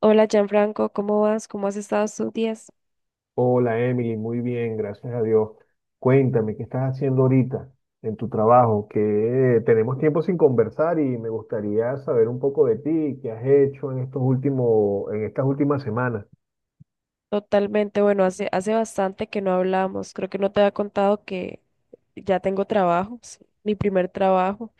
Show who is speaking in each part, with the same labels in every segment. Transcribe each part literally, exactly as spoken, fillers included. Speaker 1: Hola Gianfranco, ¿cómo vas? ¿Cómo has estado estos días?
Speaker 2: Hola Emily, muy bien, gracias a Dios. Cuéntame, ¿qué estás haciendo ahorita en tu trabajo? Que tenemos tiempo sin conversar y me gustaría saber un poco de ti, qué has hecho en estos últimos, en estas últimas semanas.
Speaker 1: Totalmente, bueno, hace, hace bastante que no hablamos. Creo que no te había contado que ya tengo trabajo, es mi primer trabajo.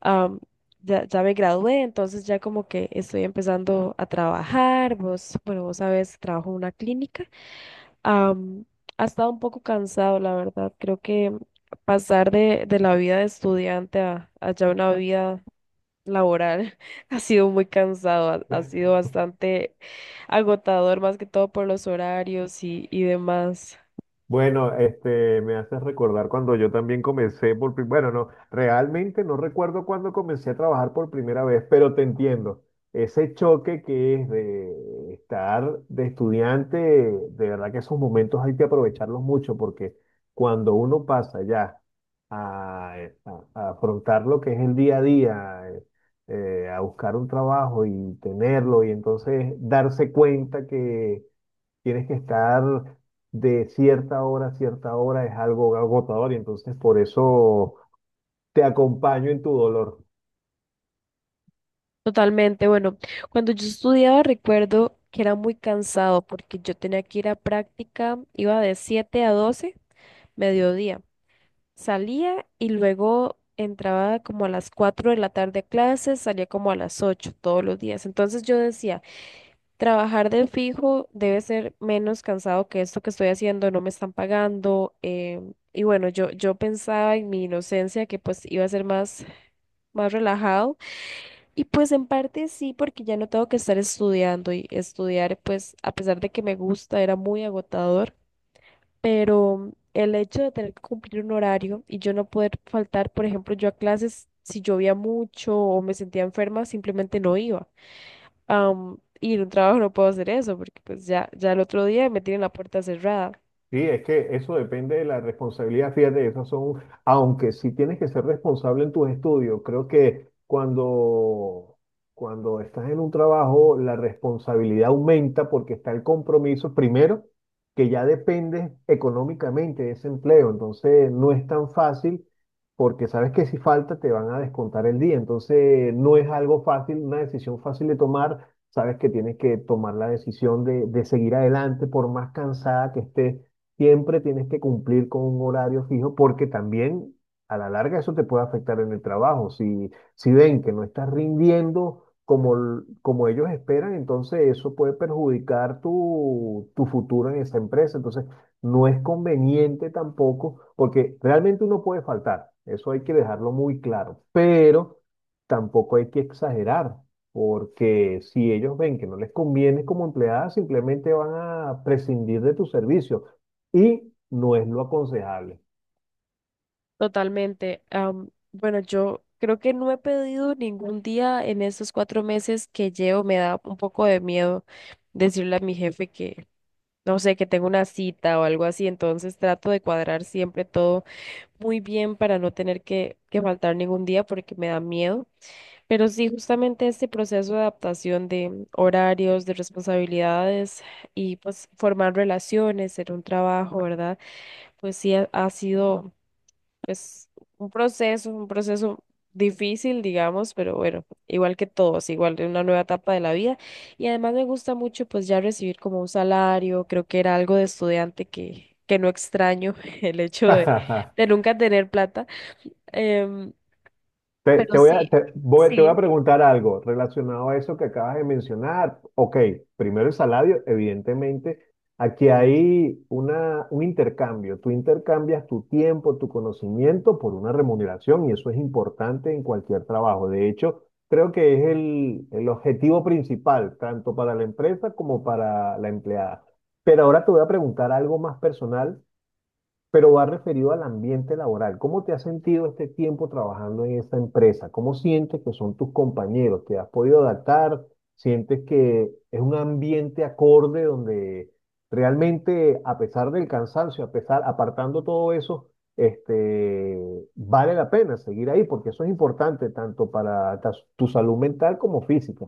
Speaker 1: Am, ya, ya me gradué, entonces ya como que estoy empezando a trabajar. Vos, bueno, vos sabes, trabajo en una clínica. Am, ha estado un poco cansado, la verdad. Creo que pasar de, de la vida de estudiante a, a ya una vida laboral ha sido muy cansado, ha, ha sido bastante agotador, más que todo por los horarios y, y demás.
Speaker 2: Bueno, este, me haces recordar cuando yo también comencé por, pri- bueno, no, realmente no recuerdo cuándo comencé a trabajar por primera vez, pero te entiendo. Ese choque que es de estar de estudiante, de verdad que esos momentos hay que aprovecharlos mucho porque cuando uno pasa ya a, eh, a- a afrontar lo que es el día a día, eh, eh, a buscar un trabajo y tenerlo y entonces darse cuenta que tienes que estar de cierta hora a cierta hora, es algo agotador y entonces por eso te acompaño en tu dolor.
Speaker 1: Totalmente, bueno, cuando yo estudiaba recuerdo que era muy cansado porque yo tenía que ir a práctica, iba de siete a doce mediodía. Salía y luego entraba como a las cuatro de la tarde a clases, salía como a las ocho todos los días. Entonces yo decía, trabajar del fijo debe ser menos cansado que esto que estoy haciendo, no me están pagando. Eh, y bueno, yo, yo pensaba en mi inocencia que pues iba a ser más, más relajado. Y pues en parte sí, porque ya no tengo que estar estudiando y estudiar pues a pesar de que me gusta, era muy agotador. Pero el hecho de tener que cumplir un horario y yo no poder faltar, por ejemplo, yo a clases, si llovía mucho o me sentía enferma, simplemente no iba, am, y en un trabajo no puedo hacer eso porque pues ya, ya el otro día me tienen la puerta cerrada.
Speaker 2: Sí, es que eso depende de la responsabilidad, fíjate, esas son, aunque sí tienes que ser responsable en tus estudios, creo que cuando, cuando estás en un trabajo, la responsabilidad aumenta porque está el compromiso, primero, que ya dependes económicamente de ese empleo, entonces no es tan fácil porque sabes que si falta te van a descontar el día, entonces no es algo fácil, una decisión fácil de tomar, sabes que tienes que tomar la decisión de, de seguir adelante por más cansada que estés. Siempre tienes que cumplir con un horario fijo porque también a la larga eso te puede afectar en el trabajo. Si, si ven que no estás rindiendo como, l- como ellos esperan, entonces eso puede perjudicar tu, tu futuro en esa empresa. Entonces no es conveniente tampoco porque realmente uno puede faltar. Eso hay que dejarlo muy claro. Pero tampoco hay que exagerar. Porque si ellos ven que no les conviene como empleada, simplemente van a prescindir de tu servicio y no es lo aconsejable.
Speaker 1: Totalmente. Am, bueno, yo creo que no he pedido ningún día en estos cuatro meses que llevo. Me da un poco de miedo decirle a mi jefe que, no sé, que tengo una cita o algo así. Entonces trato de cuadrar siempre todo muy bien para no tener que, que faltar ningún día porque me da miedo. Pero sí, justamente este proceso de adaptación de horarios, de responsabilidades y pues formar relaciones en un trabajo, ¿verdad? Pues sí ha, ha sido pues un proceso, un proceso difícil, digamos, pero bueno, igual que todos, igual de una nueva etapa de la vida. Y además me gusta mucho pues ya recibir como un salario, creo que era algo de estudiante que, que no extraño el hecho de, de nunca tener plata. Em,
Speaker 2: Te,
Speaker 1: pero
Speaker 2: te voy a,
Speaker 1: sí,
Speaker 2: te, voy- te voy a
Speaker 1: sí.
Speaker 2: preguntar algo relacionado a eso que acabas de mencionar. Ok, primero el salario, evidentemente. Aquí hay una, un intercambio. Tú intercambias tu tiempo, tu conocimiento por una remuneración y eso es importante en cualquier trabajo. De hecho, creo que es el, el objetivo principal, tanto para la empresa como para la empleada. Pero ahora te voy a preguntar algo más personal pero va referido al ambiente laboral. ¿Cómo te has sentido este tiempo trabajando en esta empresa? ¿Cómo sientes que son tus compañeros? ¿Te has podido adaptar? ¿Sientes que es un ambiente acorde donde realmente, a pesar del cansancio, a pesar, apartando todo eso, este, vale la pena seguir ahí? Porque eso es importante tanto para ta- tu salud mental como física.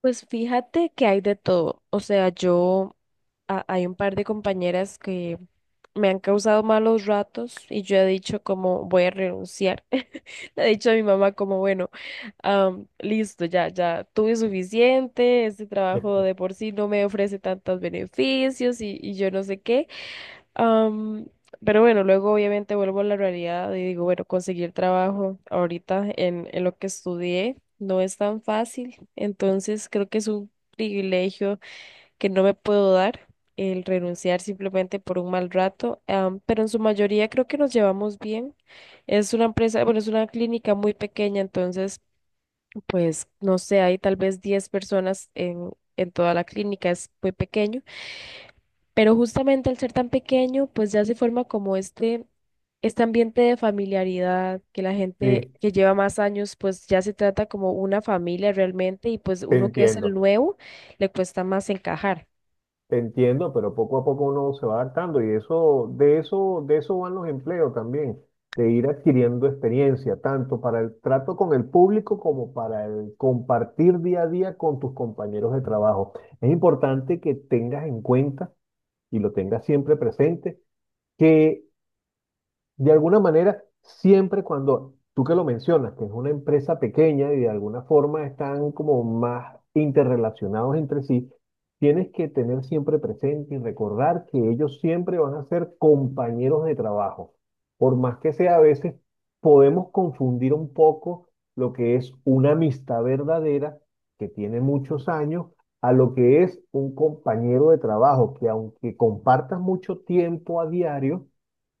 Speaker 1: Pues fíjate que hay de todo. O sea, yo, a- hay un par de compañeras que me han causado malos ratos y yo he dicho como voy a renunciar. Le he dicho a mi mamá como, bueno, am, listo, ya, ya tuve suficiente, este trabajo de por sí no me ofrece tantos beneficios y, y yo no sé qué. Am, pero bueno, luego obviamente vuelvo a la realidad y digo, bueno, conseguir trabajo ahorita en, en lo que estudié no es tan fácil, entonces creo que es un privilegio que no me puedo dar el renunciar simplemente por un mal rato. Am, pero en su mayoría creo que nos llevamos bien. Es una empresa, bueno, es una clínica muy pequeña, entonces, pues, no sé, hay tal vez diez personas en, en toda la clínica, es muy pequeño. Pero justamente al ser tan pequeño, pues ya se forma como este, este ambiente de familiaridad, que la gente
Speaker 2: Sí,
Speaker 1: que lleva más años, pues ya se trata como una familia realmente, y pues
Speaker 2: te
Speaker 1: uno que es el
Speaker 2: entiendo.
Speaker 1: nuevo, le cuesta más encajar.
Speaker 2: Te entiendo, pero poco a poco uno se va adaptando y eso, de eso, de eso van los empleos también, de ir adquiriendo experiencia, tanto para el trato con el público como para el compartir día a día con tus compañeros de trabajo. Es importante que tengas en cuenta y lo tengas siempre presente que de alguna manera, siempre cuando tú que lo mencionas, que es una empresa pequeña y de alguna forma están como más interrelacionados entre sí, tienes que tener siempre presente y recordar que ellos siempre van a ser compañeros de trabajo. Por más que sea, a veces podemos confundir un poco lo que es una amistad verdadera que tiene muchos años a lo que es un compañero de trabajo, que aunque compartas mucho tiempo a diario,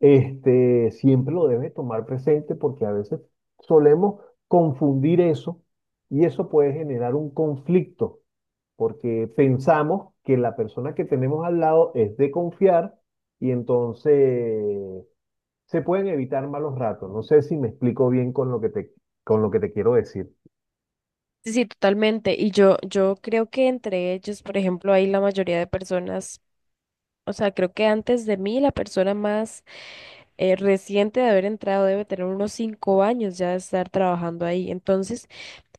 Speaker 2: este, siempre lo debes tomar presente porque a veces solemos confundir eso y eso puede generar un conflicto porque pensamos que la persona que tenemos al lado es de confiar y entonces se pueden evitar malos ratos. No sé si me explico bien con lo que te, con lo que te quiero decir.
Speaker 1: Sí, sí, totalmente. Y yo, yo creo que entre ellos, por ejemplo, hay la mayoría de personas, o sea, creo que antes de mí, la persona más eh, reciente de haber entrado debe tener unos cinco años ya de estar trabajando ahí. Entonces,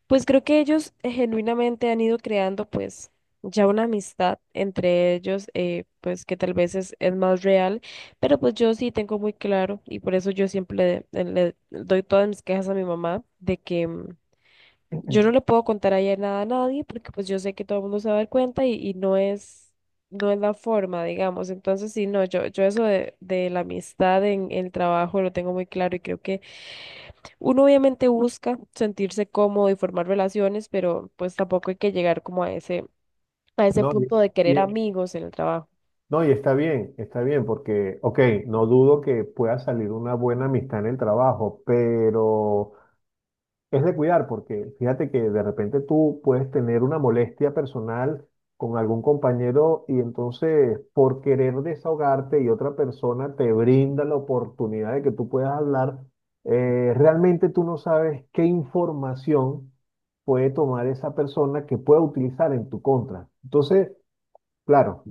Speaker 1: pues creo que ellos eh, genuinamente han ido creando pues ya una amistad entre ellos, eh, pues que tal vez es, es más real, pero pues yo sí tengo muy claro y por eso yo siempre le, le doy todas mis quejas a mi mamá de que mm, yo no le puedo contar a ella nada a nadie porque pues yo sé que todo el mundo se va a dar cuenta y, y no es, no es la forma, digamos. Entonces sí, no, yo, yo eso de, de la amistad en el trabajo lo tengo muy claro y creo que uno obviamente busca sentirse cómodo y formar relaciones, pero pues tampoco hay que llegar como a ese, a ese
Speaker 2: No, y,
Speaker 1: punto de querer
Speaker 2: y-
Speaker 1: amigos en el trabajo.
Speaker 2: no, y está bien, está bien, porque, ok, no dudo que pueda salir una buena amistad en el trabajo, pero es de cuidar, porque fíjate que de repente tú puedes tener una molestia personal con algún compañero y entonces por querer desahogarte y otra persona te brinda la oportunidad de que tú puedas hablar, eh, realmente tú no sabes qué información puede tomar esa persona que pueda utilizar en tu contra. Entonces, claro,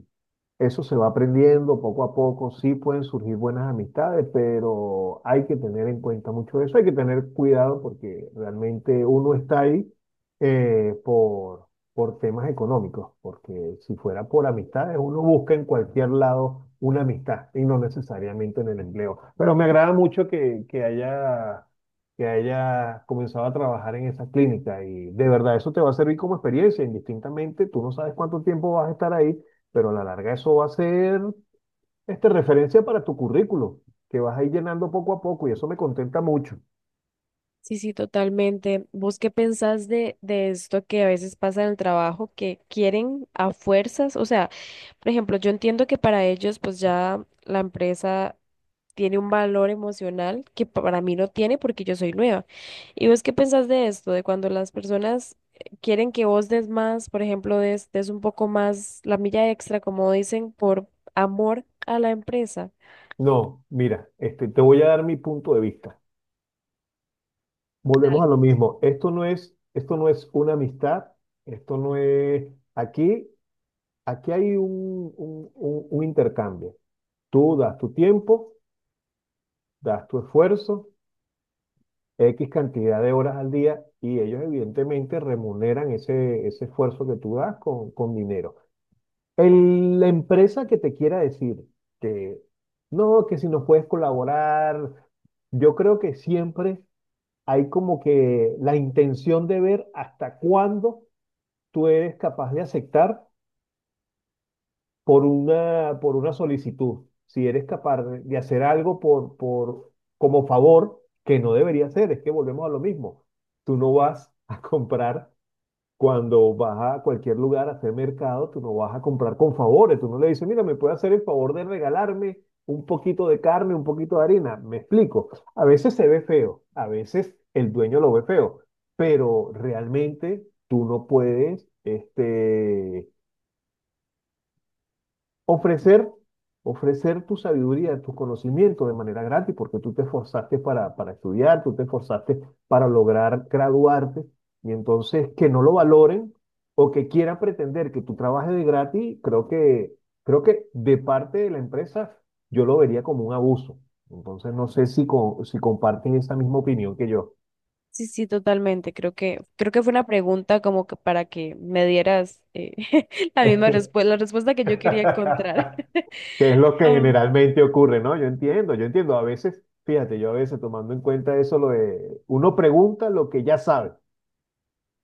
Speaker 2: eso se va aprendiendo poco a poco, sí pueden surgir buenas amistades, pero hay que tener en cuenta mucho eso, hay que tener cuidado porque realmente uno está ahí eh, por, por temas económicos, porque si fuera por amistades, uno busca en cualquier lado una amistad y no necesariamente en el empleo. Pero me agrada mucho que, que haya, que haya comenzado a trabajar en esa clínica y de verdad eso te va a servir como experiencia, indistintamente, tú no sabes cuánto tiempo vas a estar ahí pero a la larga eso va a ser este, referencia para tu currículo, que vas a ir llenando poco a poco y eso me contenta mucho.
Speaker 1: Sí, sí, totalmente. ¿Vos qué pensás de, de esto que a veces pasa en el trabajo, que quieren a fuerzas? O sea, por ejemplo, yo entiendo que para ellos pues ya la empresa tiene un valor emocional que para mí no tiene porque yo soy nueva. ¿Y vos qué pensás de esto? De cuando las personas eh, quieren que vos des más, por ejemplo, des, des un poco más la milla extra, como dicen, por amor a la empresa.
Speaker 2: No, mira, este, te voy a dar mi punto de vista. Volvemos a
Speaker 1: Dale.
Speaker 2: lo mismo. Esto no es, esto no es una amistad, esto no es... Aquí, aquí hay un, un, un- un intercambio. Tú das tu tiempo, das tu esfuerzo, X cantidad de horas al día y ellos evidentemente remuneran ese, ese esfuerzo que tú das con, con dinero. El- la empresa que te quiera decir que no, que si nos puedes colaborar, yo creo que siempre hay como que la intención de ver hasta cuándo tú eres capaz de aceptar por una, por una solicitud. Si eres capaz de de hacer algo por, por, como favor, que no debería ser, es que volvemos a lo mismo. Tú no vas a comprar cuando vas a cualquier lugar a hacer mercado, tú no vas a comprar con favores, tú no le dices, mira, me puede hacer el favor de regalarme un poquito de carne, un poquito de harina. Me explico. A veces se ve feo, a veces el dueño lo ve feo, pero realmente tú no puedes, este, ofrecer, ofrecer tu sabiduría, tus conocimientos de manera gratis, porque tú te esforzaste para, para estudiar, tú te esforzaste para lograr graduarte, y entonces que no lo valoren o que quieran pretender que tú trabajes de gratis, creo que, creo que de parte de la empresa yo lo vería como un abuso. Entonces no sé si, co- si comparten esa misma opinión que yo.
Speaker 1: Sí, sí, totalmente. Creo que, creo que fue una pregunta como que para que me dieras eh, la misma respuesta, la respuesta que yo quería encontrar.
Speaker 2: que es lo que
Speaker 1: Um,
Speaker 2: generalmente ocurre, ¿no? Yo entiendo, yo entiendo. A veces, fíjate, yo a veces tomando en cuenta eso, lo de uno pregunta lo que ya sabe,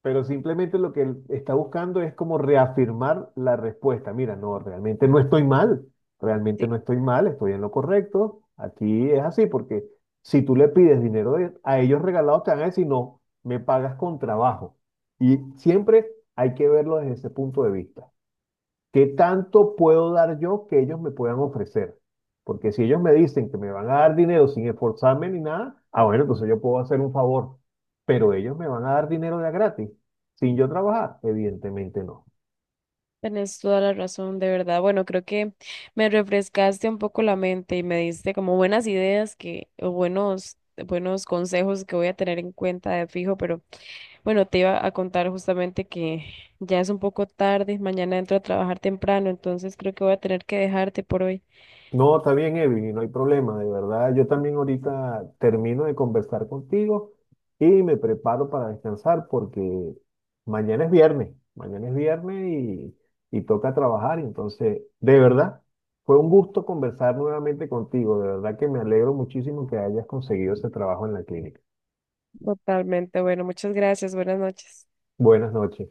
Speaker 2: pero simplemente lo que él está buscando es como reafirmar la respuesta. Mira, no, realmente no estoy mal, realmente no
Speaker 1: sí.
Speaker 2: estoy mal, estoy en lo correcto. Aquí es así, porque si tú le pides dinero de- a ellos regalados, te van a decir, no, me pagas con trabajo. Y siempre hay que verlo desde ese punto de vista. ¿Qué tanto puedo dar yo que ellos me puedan ofrecer? Porque si ellos me dicen que me van a dar dinero sin esforzarme ni nada, ah, bueno, entonces yo puedo hacer un favor. Pero ellos me van a dar dinero de a gratis, sin yo trabajar, evidentemente no.
Speaker 1: Tenés toda la razón, de verdad. Bueno, creo que me refrescaste un poco la mente y me diste como buenas ideas que, o buenos, buenos consejos que voy a tener en cuenta de fijo, pero bueno, te iba a contar justamente que ya es un poco tarde, mañana entro a trabajar temprano, entonces creo que voy a tener que dejarte por hoy.
Speaker 2: No, está bien, Evi, no hay problema, de verdad. Yo también ahorita termino de conversar contigo y me preparo para descansar porque mañana es viernes, mañana es viernes y, y toca trabajar. y Entonces, de verdad, fue un gusto conversar nuevamente contigo. De verdad que me alegro muchísimo que hayas conseguido ese trabajo en la clínica.
Speaker 1: Totalmente, bueno, muchas gracias, buenas noches.
Speaker 2: Buenas noches.